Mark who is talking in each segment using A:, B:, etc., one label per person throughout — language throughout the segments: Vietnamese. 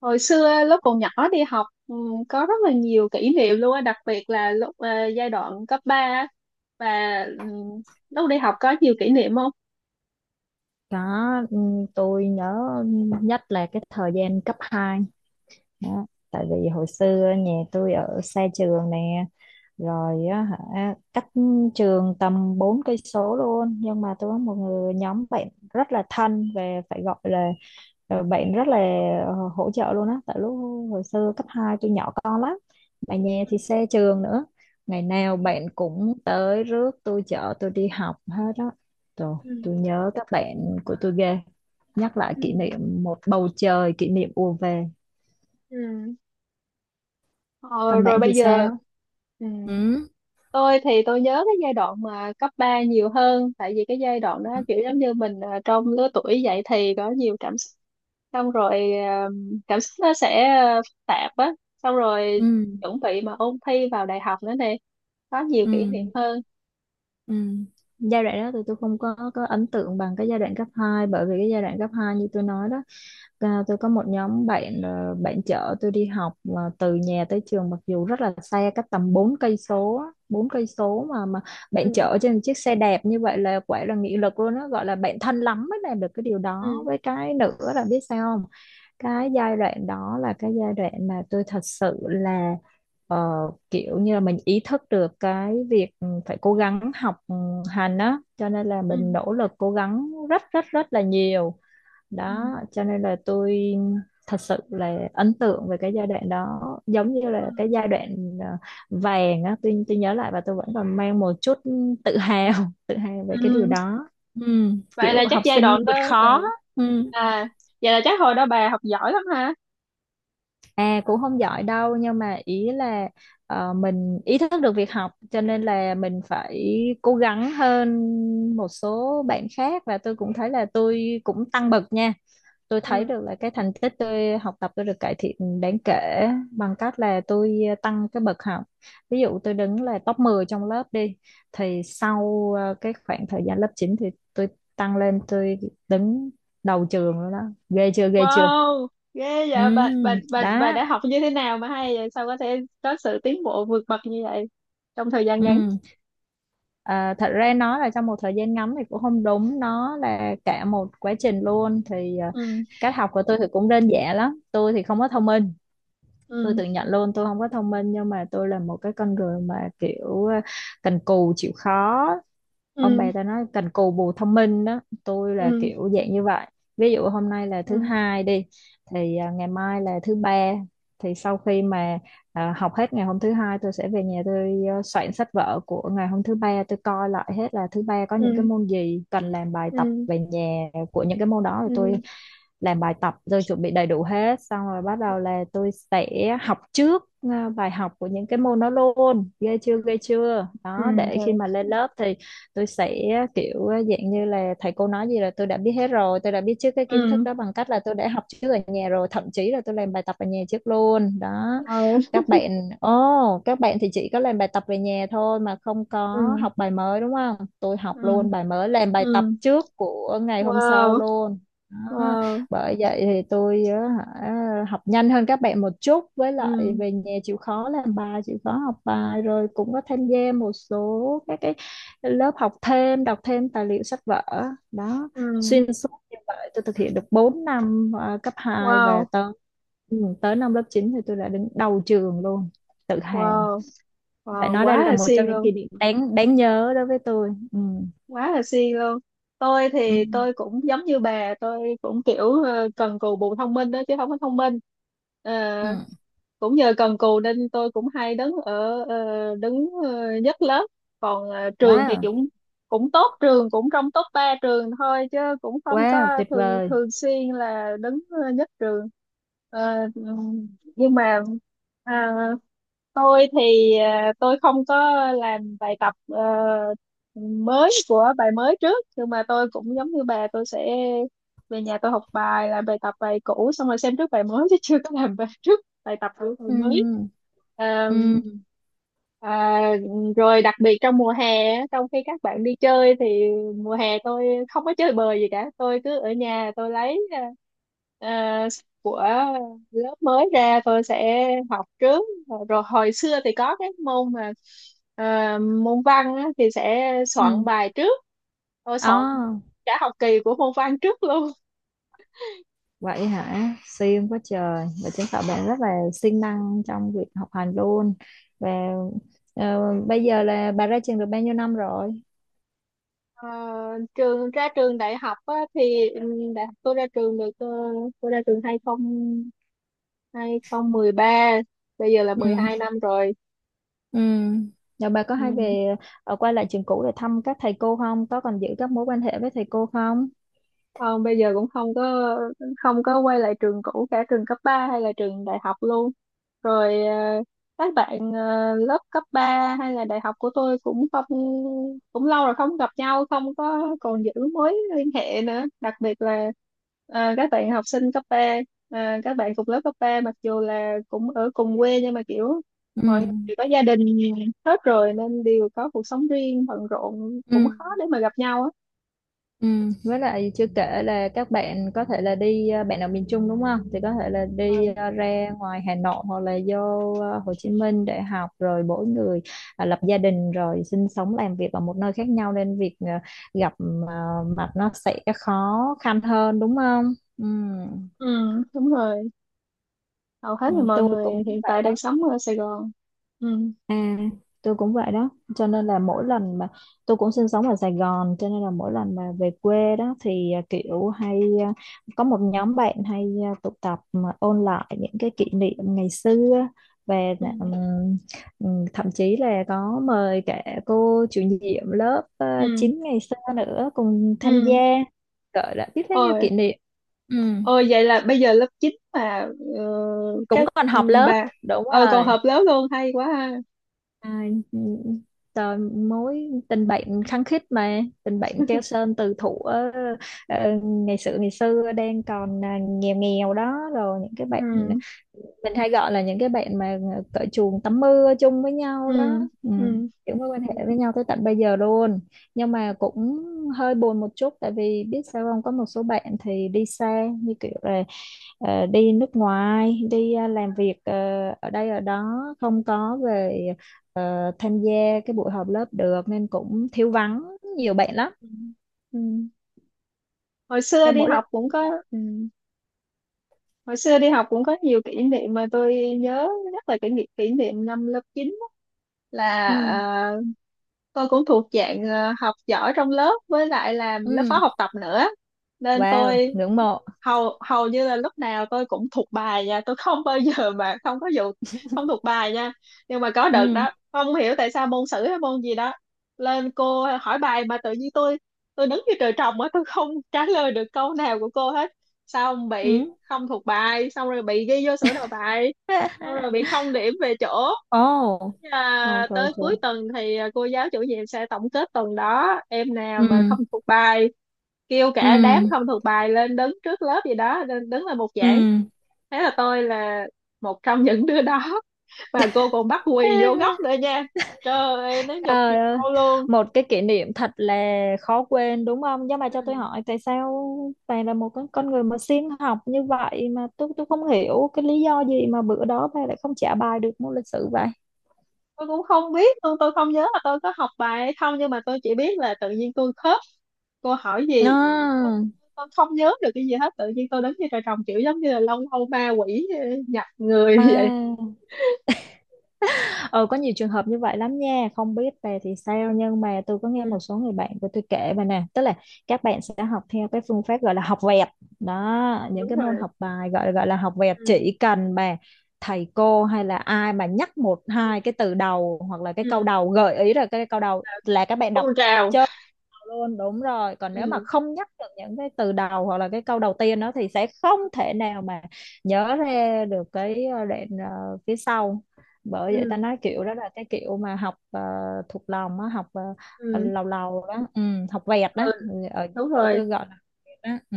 A: Hồi xưa lúc còn nhỏ đi học, có rất là nhiều kỷ niệm luôn á, đặc biệt là lúc giai đoạn cấp 3 á. Và ừ, lúc đi học có nhiều kỷ niệm không?
B: Đó, tôi nhớ nhất là cái thời gian cấp 2, đó. Tại vì hồi xưa nhà tôi ở xa trường nè, rồi á hả cách trường tầm 4 cây số luôn, nhưng mà tôi có một người nhóm bạn rất là thân về phải gọi là bạn rất là hỗ trợ luôn á, tại lúc hồi xưa cấp 2 tôi nhỏ con lắm. Mà nhà
A: Ừ.
B: thì xa trường nữa. Ngày nào bạn cũng tới rước tôi chở tôi đi học hết á. Trời, tôi nhớ các bạn của tôi ghê, nhắc lại
A: Ừ.
B: kỷ niệm một bầu trời kỷ niệm ùa về.
A: Ừ. Ừ. Ờ,
B: Còn
A: rồi
B: bạn thì
A: bây giờ.
B: sao?
A: Ừ.
B: Ừ.
A: Tôi thì tôi nhớ cái giai đoạn mà cấp 3 nhiều hơn, tại vì cái giai đoạn đó kiểu giống như mình trong lứa tuổi dậy thì có nhiều cảm xúc. Xong rồi cảm xúc nó sẽ phức tạp á, xong rồi
B: Ừ.
A: chuẩn bị mà ôn thi vào đại học nữa nè, có nhiều
B: Ừ.
A: kỷ niệm hơn.
B: Ừ. Giai đoạn đó thì tôi không có ấn tượng bằng cái giai đoạn cấp hai, bởi vì cái giai đoạn cấp 2 như tôi nói đó, tôi có một nhóm bạn, bạn chở tôi đi học mà từ nhà tới trường mặc dù rất là xa, cách tầm 4 cây số á, bốn cây số mà bạn
A: Ừ.
B: chở trên một chiếc xe đẹp như vậy là quả là nghị lực luôn đó, gọi là bạn thân lắm mới làm được cái điều
A: Ừ.
B: đó. Với cái nữa là biết sao không, cái giai đoạn đó là cái giai đoạn mà tôi thật sự là ờ, kiểu như là mình ý thức được cái việc phải cố gắng học hành á, cho nên là
A: Ừ.
B: mình nỗ lực cố gắng rất rất rất là nhiều
A: Ừ.
B: đó, cho nên là tôi thật sự là ấn tượng về cái giai đoạn đó, giống như
A: Ừ.
B: là cái giai đoạn ờ, vàng á. Tôi nhớ lại và tôi vẫn còn mang một chút tự hào tự hào về cái điều
A: Ừ.
B: đó. Ừ,
A: Vậy
B: kiểu
A: là chắc
B: học
A: giai
B: sinh
A: đoạn đó.
B: vượt khó.
A: Ừ.
B: Ừ.
A: À, vậy là chắc hồi đó bà học giỏi lắm ha.
B: À, cũng không giỏi đâu, nhưng mà ý là mình ý thức được việc học cho nên là mình phải cố gắng hơn một số bạn khác, và tôi cũng thấy là tôi cũng tăng bậc nha. Tôi thấy
A: Ừ.
B: được là cái thành tích tôi học tập tôi được cải thiện đáng kể bằng cách là tôi tăng cái bậc học. Ví dụ tôi đứng là top 10 trong lớp đi, thì sau cái khoảng thời gian lớp 9 thì tôi tăng lên, tôi đứng đầu trường rồi đó. Ghê chưa ghê chưa?
A: Wow, ghê
B: Ừ,
A: vậy. Bà
B: đó.
A: đã học như thế nào mà hay vậy? Sao có thể có sự tiến bộ vượt bậc như vậy trong thời gian ngắn?
B: Ừ. À, thật ra nói là trong một thời gian ngắn thì cũng không đúng, nó là cả một quá trình luôn. Thì
A: Ừ.
B: cách học của tôi thì cũng đơn giản lắm. Tôi thì không có thông minh, tôi
A: Ừ.
B: tự nhận luôn tôi không có thông minh, nhưng mà tôi là một cái con người mà kiểu cần cù chịu khó. Ông
A: Ừ.
B: bà ta nói cần cù bù thông minh đó, tôi là
A: Ừ.
B: kiểu dạng như vậy. Ví dụ hôm nay là thứ
A: Ừ.
B: hai đi, thì ngày mai là thứ ba, thì sau khi mà học hết ngày hôm thứ hai tôi sẽ về nhà, tôi soạn sách vở của ngày hôm thứ ba, tôi coi lại hết là thứ ba có
A: Ừ.
B: những cái môn gì cần làm bài tập
A: Ừ.
B: về nhà của những cái môn đó, rồi tôi
A: Ừ.
B: làm bài tập rồi chuẩn bị đầy đủ hết, xong rồi bắt đầu là tôi sẽ học trước bài học của những cái môn đó luôn. Ghê chưa ghê chưa?
A: Ừ.
B: Đó, để khi
A: Rồi.
B: mà lên lớp thì tôi sẽ kiểu dạng như là thầy cô nói gì là tôi đã biết hết rồi, tôi đã biết trước cái kiến thức
A: Ừ.
B: đó bằng cách là tôi đã học trước ở nhà rồi, thậm chí là tôi làm bài tập ở nhà trước luôn đó.
A: Ừ.
B: Các bạn, ô các bạn thì chỉ có làm bài tập về nhà thôi mà không
A: Ừ.
B: có học bài mới đúng không, tôi học
A: Ừ.
B: luôn bài mới, làm bài
A: Ừ.
B: tập trước của ngày hôm sau
A: Wow.
B: luôn đó.
A: Wow.
B: Bởi vậy thì tôi á, hả, học nhanh hơn các bạn một chút, với lại
A: Ừ.
B: về nhà chịu khó làm bài chịu khó học bài, rồi cũng có tham gia một số các cái lớp học thêm, đọc thêm tài liệu sách vở đó,
A: Ừ.
B: xuyên suốt như vậy tôi thực hiện được 4 năm cấp hai, và
A: Wow.
B: tới ừ, tới năm lớp 9 thì tôi đã đứng đầu trường luôn, tự hào.
A: Wow.
B: Phải
A: Wow,
B: nói
A: quá
B: đây là
A: là
B: một trong
A: siêng
B: những
A: luôn.
B: kỷ niệm đáng đáng nhớ đối với tôi. Ừ.
A: Quá là siêng luôn. Tôi
B: Ừ.
A: thì tôi cũng giống như bà, tôi cũng kiểu cần cù bù thông minh đó, chứ không có thông minh. Ờ,
B: Ừ.
A: cũng nhờ cần cù nên tôi cũng hay đứng ở đứng nhất lớp. Còn trường thì
B: Wow.
A: cũng cũng tốt, trường cũng trong top 3 trường thôi, chứ cũng không
B: Wow,
A: có
B: tuyệt
A: thường
B: vời.
A: thường xuyên là đứng nhất trường. Ờ, nhưng mà à, tôi thì tôi không có làm bài tập mới của bài mới trước, nhưng mà tôi cũng giống như bà, tôi sẽ về nhà tôi học bài làm bài tập bài cũ xong rồi xem trước bài mới chứ chưa có làm bài trước bài tập của bài
B: Ừ.
A: mới. Ờ,
B: Ừ.
A: À, rồi đặc biệt trong mùa hè á, trong khi các bạn đi chơi thì mùa hè tôi không có chơi bời gì cả, tôi cứ ở nhà tôi lấy à, của lớp mới ra tôi sẽ học trước. Rồi, rồi hồi xưa thì có cái môn mà à, môn văn á, thì sẽ soạn
B: Ừ.
A: bài trước. Tôi soạn
B: À.
A: cả học kỳ của môn văn trước luôn.
B: Vậy hả? Siêng quá trời. Và chứng tỏ bạn rất là siêng năng trong việc học hành luôn. Và ờ, bây giờ là bà ra trường được bao nhiêu năm rồi?
A: Ờ, trường ra trường đại học á, thì đại học tôi ra trường được tôi ra trường 2013, bây giờ là mười
B: Ừ.
A: hai năm rồi.
B: Ừ. Rồi bà có hay
A: Ừ.
B: về quay lại trường cũ để thăm các thầy cô không? Có còn giữ các mối quan hệ với thầy cô không?
A: Không, bây giờ cũng không có không có quay lại trường cũ, cả trường cấp 3 hay là trường đại học luôn. Rồi các bạn lớp cấp 3 hay là đại học của tôi cũng không, cũng lâu rồi không gặp nhau, không có còn giữ mối liên hệ nữa. Đặc biệt là các bạn học sinh cấp ba, các bạn cùng lớp cấp 3 mặc dù là cũng ở cùng quê nhưng mà kiểu
B: Ừ.
A: mọi người đều có gia đình hết rồi nên đều có cuộc sống riêng bận rộn, cũng
B: Ừ.
A: khó để mà gặp nhau á.
B: Ừ, với lại chưa kể là các bạn có thể là đi bạn ở miền Trung đúng không? Thì có thể là đi
A: Ừ,
B: ra ngoài Hà Nội hoặc là vô Hồ Chí Minh để học, rồi mỗi người lập gia đình rồi sinh sống làm việc ở một nơi khác nhau, nên việc gặp à, mặt nó sẽ khó khăn hơn đúng không? Ừ.
A: Ừ, đúng rồi. Hầu hết
B: Ừ,
A: là mọi
B: tôi
A: người
B: cũng
A: hiện
B: vậy
A: tại đang
B: đó.
A: sống ở Sài Gòn. Ừ.
B: À, tôi cũng vậy đó, cho nên là mỗi lần mà tôi cũng sinh sống ở Sài Gòn, cho nên là mỗi lần mà về quê đó thì kiểu hay có một nhóm bạn hay tụ tập mà ôn lại những cái kỷ niệm ngày xưa, về
A: Ừ.
B: thậm chí là có mời cả cô chủ nhiệm lớp
A: Ừ.
B: 9 ngày xưa nữa cùng tham gia,
A: Ừ.
B: gọi là biết bao nhiêu
A: Ôi.
B: kỷ niệm. Ừ,
A: Ôi, vậy là bây giờ lớp 9 mà ờ,
B: cũng
A: các
B: còn họp lớp.
A: bà
B: Đúng
A: còn
B: rồi.
A: họp lớp luôn, hay quá ha.
B: À, trời, mối tình bạn khăng khít, mà tình bạn keo sơn từ thuở ngày xưa đang còn nghèo nghèo đó, rồi những cái bạn
A: Ừ.
B: mình hay gọi là những cái bạn mà cởi chuồng tắm mưa chung với nhau
A: Ừ.
B: đó. Ừ,
A: Ừ.
B: những mối quan hệ với nhau tới tận bây giờ luôn, nhưng mà cũng hơi buồn một chút, tại vì biết sao không, có một số bạn thì đi xa, như kiểu là đi nước ngoài, đi làm việc ở đây ở đó, không có về tham gia cái buổi họp lớp được, nên cũng thiếu vắng nhiều bạn lắm.
A: Ừ. Ừ. Hồi xưa
B: Nhưng
A: đi
B: mỗi lần.
A: học cũng có. Ừ. Hồi xưa đi học cũng có nhiều kỷ niệm mà tôi nhớ rất là, kỷ niệm năm lớp 9 á, là
B: Ừ.
A: tôi cũng thuộc dạng học giỏi trong lớp, với lại làm lớp
B: Ừ.
A: phó học tập nữa nên
B: Wow,
A: tôi
B: ngưỡng mộ.
A: hầu hầu như là lúc nào tôi cũng thuộc bài nha, tôi không bao giờ mà không có vụ không thuộc bài nha. Nhưng mà có đợt
B: Ừ.
A: đó không hiểu tại sao môn sử hay môn gì đó lên cô hỏi bài mà tự nhiên tôi đứng như trời trồng á, tôi không trả lời được câu nào của cô hết, xong bị
B: Ừ.
A: không thuộc bài, xong rồi bị ghi vô sổ đầu bài, xong rồi bị không điểm về chỗ.
B: Ồ. Trời trời
A: Tới
B: trời.
A: cuối tuần thì cô giáo chủ nhiệm sẽ tổng kết tuần đó em nào
B: Ừ.
A: mà không thuộc bài, kêu
B: Ừ.
A: cả đám không thuộc bài lên đứng trước lớp gì đó, lên đứng là một
B: Ừ.
A: giảng. Thế là tôi là một trong những đứa đó, và cô còn bắt quỳ vô góc nữa nha. Trời ơi, nó nhục
B: Trời ơi,
A: nhau luôn.
B: một cái kỷ niệm thật là khó quên đúng không? Nhưng mà cho tôi
A: Ừ.
B: hỏi, tại sao bạn là một con người mà siêng học như vậy mà tôi không hiểu cái lý do gì mà bữa đó bạn lại không trả bài được môn lịch sử vậy?
A: Tôi cũng không biết luôn, tôi không nhớ là tôi có học bài hay không, nhưng mà tôi chỉ biết là tự nhiên tôi khớp, cô hỏi gì tôi,
B: À.
A: tôi không nhớ được cái gì hết, tự nhiên tôi đứng như trời trồng kiểu giống như là lâu lâu ma quỷ nhập người vậy.
B: À. Ờ, có nhiều trường hợp như vậy lắm nha, không biết về thì sao, nhưng mà tôi có nghe
A: Ừ,
B: một số người bạn của tôi kể mà nè, tức là các bạn sẽ học theo cái phương pháp gọi là học vẹt
A: ừ,
B: đó, những
A: đúng
B: cái môn
A: rồi.
B: học bài gọi gọi là học vẹt,
A: Ừ,
B: chỉ cần mà thầy cô hay là ai mà nhắc một
A: ừ,
B: hai cái từ đầu hoặc là cái
A: ừ.
B: câu đầu gợi ý là cái câu đầu là các bạn đọc
A: Tuôn trào.
B: luôn, đúng rồi, còn nếu mà
A: Ừ,
B: không nhắc được những cái từ đầu hoặc là cái câu đầu tiên đó thì sẽ không thể nào mà nhớ ra được cái đoạn phía sau. Bởi vậy ta
A: ừ,
B: nói kiểu đó là cái kiểu mà học thuộc lòng á, học
A: ừ.
B: lầu lầu đó, ừ, học vẹt đó.
A: Ừ,
B: Ừ, ở
A: đúng
B: chỗ
A: rồi.
B: tôi gọi là vẹt đó. Ừ.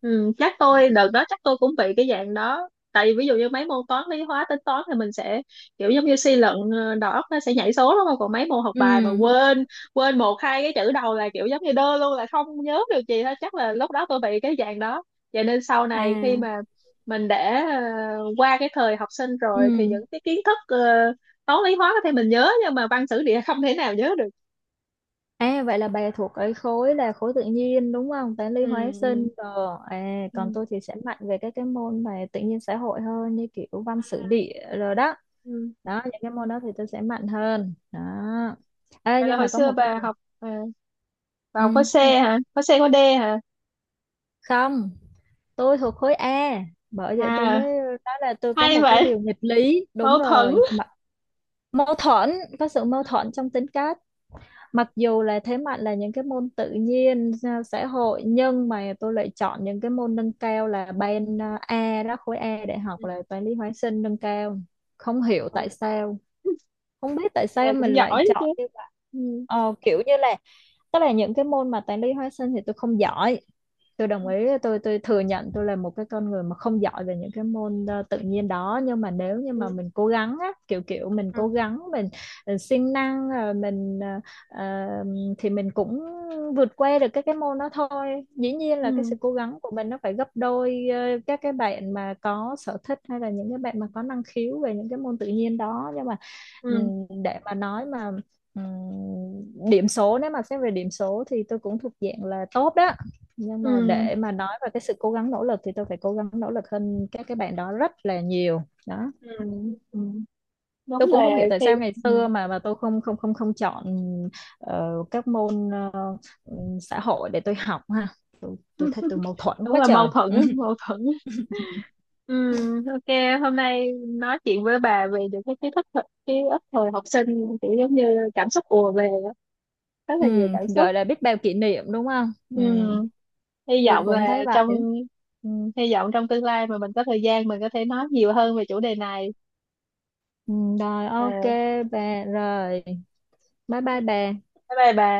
A: Ừ, chắc tôi đợt đó chắc tôi cũng bị cái dạng đó, tại vì ví dụ như mấy môn toán lý hóa tính toán thì mình sẽ kiểu giống như suy luận, đầu óc nó sẽ nhảy số đúng không, còn mấy môn học bài mà
B: Ừ.
A: quên, quên một hai cái chữ đầu là kiểu giống như đơ luôn, là không nhớ được gì hết. Chắc là lúc đó tôi bị cái dạng đó. Vậy nên sau này khi
B: À.
A: mà mình đã qua cái thời học sinh
B: Ừ.
A: rồi thì những cái kiến thức toán lý hóa có thể mình nhớ, nhưng mà văn sử địa không thể nào nhớ được.
B: À, vậy là bà thuộc cái khối là khối tự nhiên đúng không? Toán lý
A: Ừ,
B: hóa
A: ừ,
B: sinh rồi. À, còn
A: ừ.
B: tôi thì sẽ mạnh về các cái môn mà tự nhiên xã hội hơn, như kiểu văn sử địa rồi đó.
A: Ừ.
B: Đó, những cái môn đó thì tôi sẽ mạnh hơn. Đó. Ê,
A: Vậy là
B: nhưng
A: hồi
B: mà có
A: xưa
B: một cái
A: bà
B: điều.
A: học vào khối C
B: Ừ.
A: hả, khối C khối D hả?
B: Không, tôi thuộc khối A. Bởi vậy tôi mới
A: À,
B: nói là tôi có
A: hay
B: một cái
A: vậy.
B: điều nghịch lý. Đúng
A: Mâu thuẫn.
B: rồi. Mà- Mâu thuẫn, có sự mâu thuẫn trong tính cách. Mặc dù là thế mạnh là những cái môn tự nhiên xã hội, nhưng mà tôi lại chọn những cái môn nâng cao là ban A đó, khối A đại học
A: Ừ,
B: là toán lý hóa sinh nâng cao, không hiểu
A: ừ,
B: tại sao, không biết tại
A: vậy là
B: sao
A: cũng
B: mình lại
A: giỏi chứ.
B: chọn như vậy.
A: Ừ.
B: Kiểu như là, tức là những cái môn mà toán lý hóa sinh thì tôi không giỏi, tôi đồng ý, tôi thừa nhận tôi là một cái con người mà không giỏi về những cái môn tự nhiên đó, nhưng mà nếu như mà
A: Ừ,
B: mình cố gắng á, kiểu kiểu mình cố
A: ừ,
B: gắng mình siêng năng mình ờ, thì mình cũng vượt qua được các cái môn đó thôi. Dĩ nhiên là cái
A: ừ.
B: sự cố gắng của mình nó phải gấp đôi các cái bạn mà có sở thích hay là những cái bạn mà có năng khiếu về những cái môn tự nhiên đó, nhưng mà
A: Ừ. Ừ.
B: ừm, để mà nói mà ừm, điểm số, nếu mà xét về điểm số thì tôi cũng thuộc dạng là tốt đó, nhưng mà
A: Ừ.
B: để mà nói về cái sự cố gắng nỗ lực thì tôi phải cố gắng nỗ lực hơn các cái bạn đó rất là nhiều đó.
A: Ừ. Ừ. Đúng
B: Tôi
A: là
B: cũng không hiểu tại sao
A: khi.
B: ngày
A: Ừ.
B: xưa mà tôi không không không không chọn các môn xã hội để tôi học ha. Tôi thấy tôi mâu thuẫn
A: Đúng
B: quá
A: là mâu
B: trời
A: thuẫn á, mâu thuẫn á. Ừ, ok hôm nay nói chuyện với bà về những cái kiến thức thời- ký ức thời học sinh kiểu giống như cảm xúc ùa về á. Rất là nhiều cảm xúc.
B: Gọi là biết bao kỷ niệm đúng không.
A: Ừ. Hy
B: Tôi
A: vọng
B: cũng thấy
A: là trong.
B: vậy.
A: Ừ, hy vọng trong tương lai mà mình có thời gian mình có thể nói nhiều hơn về chủ đề này.
B: Rồi ok
A: Ờ,
B: bà. Rồi bye bye bà.
A: bye bye bà.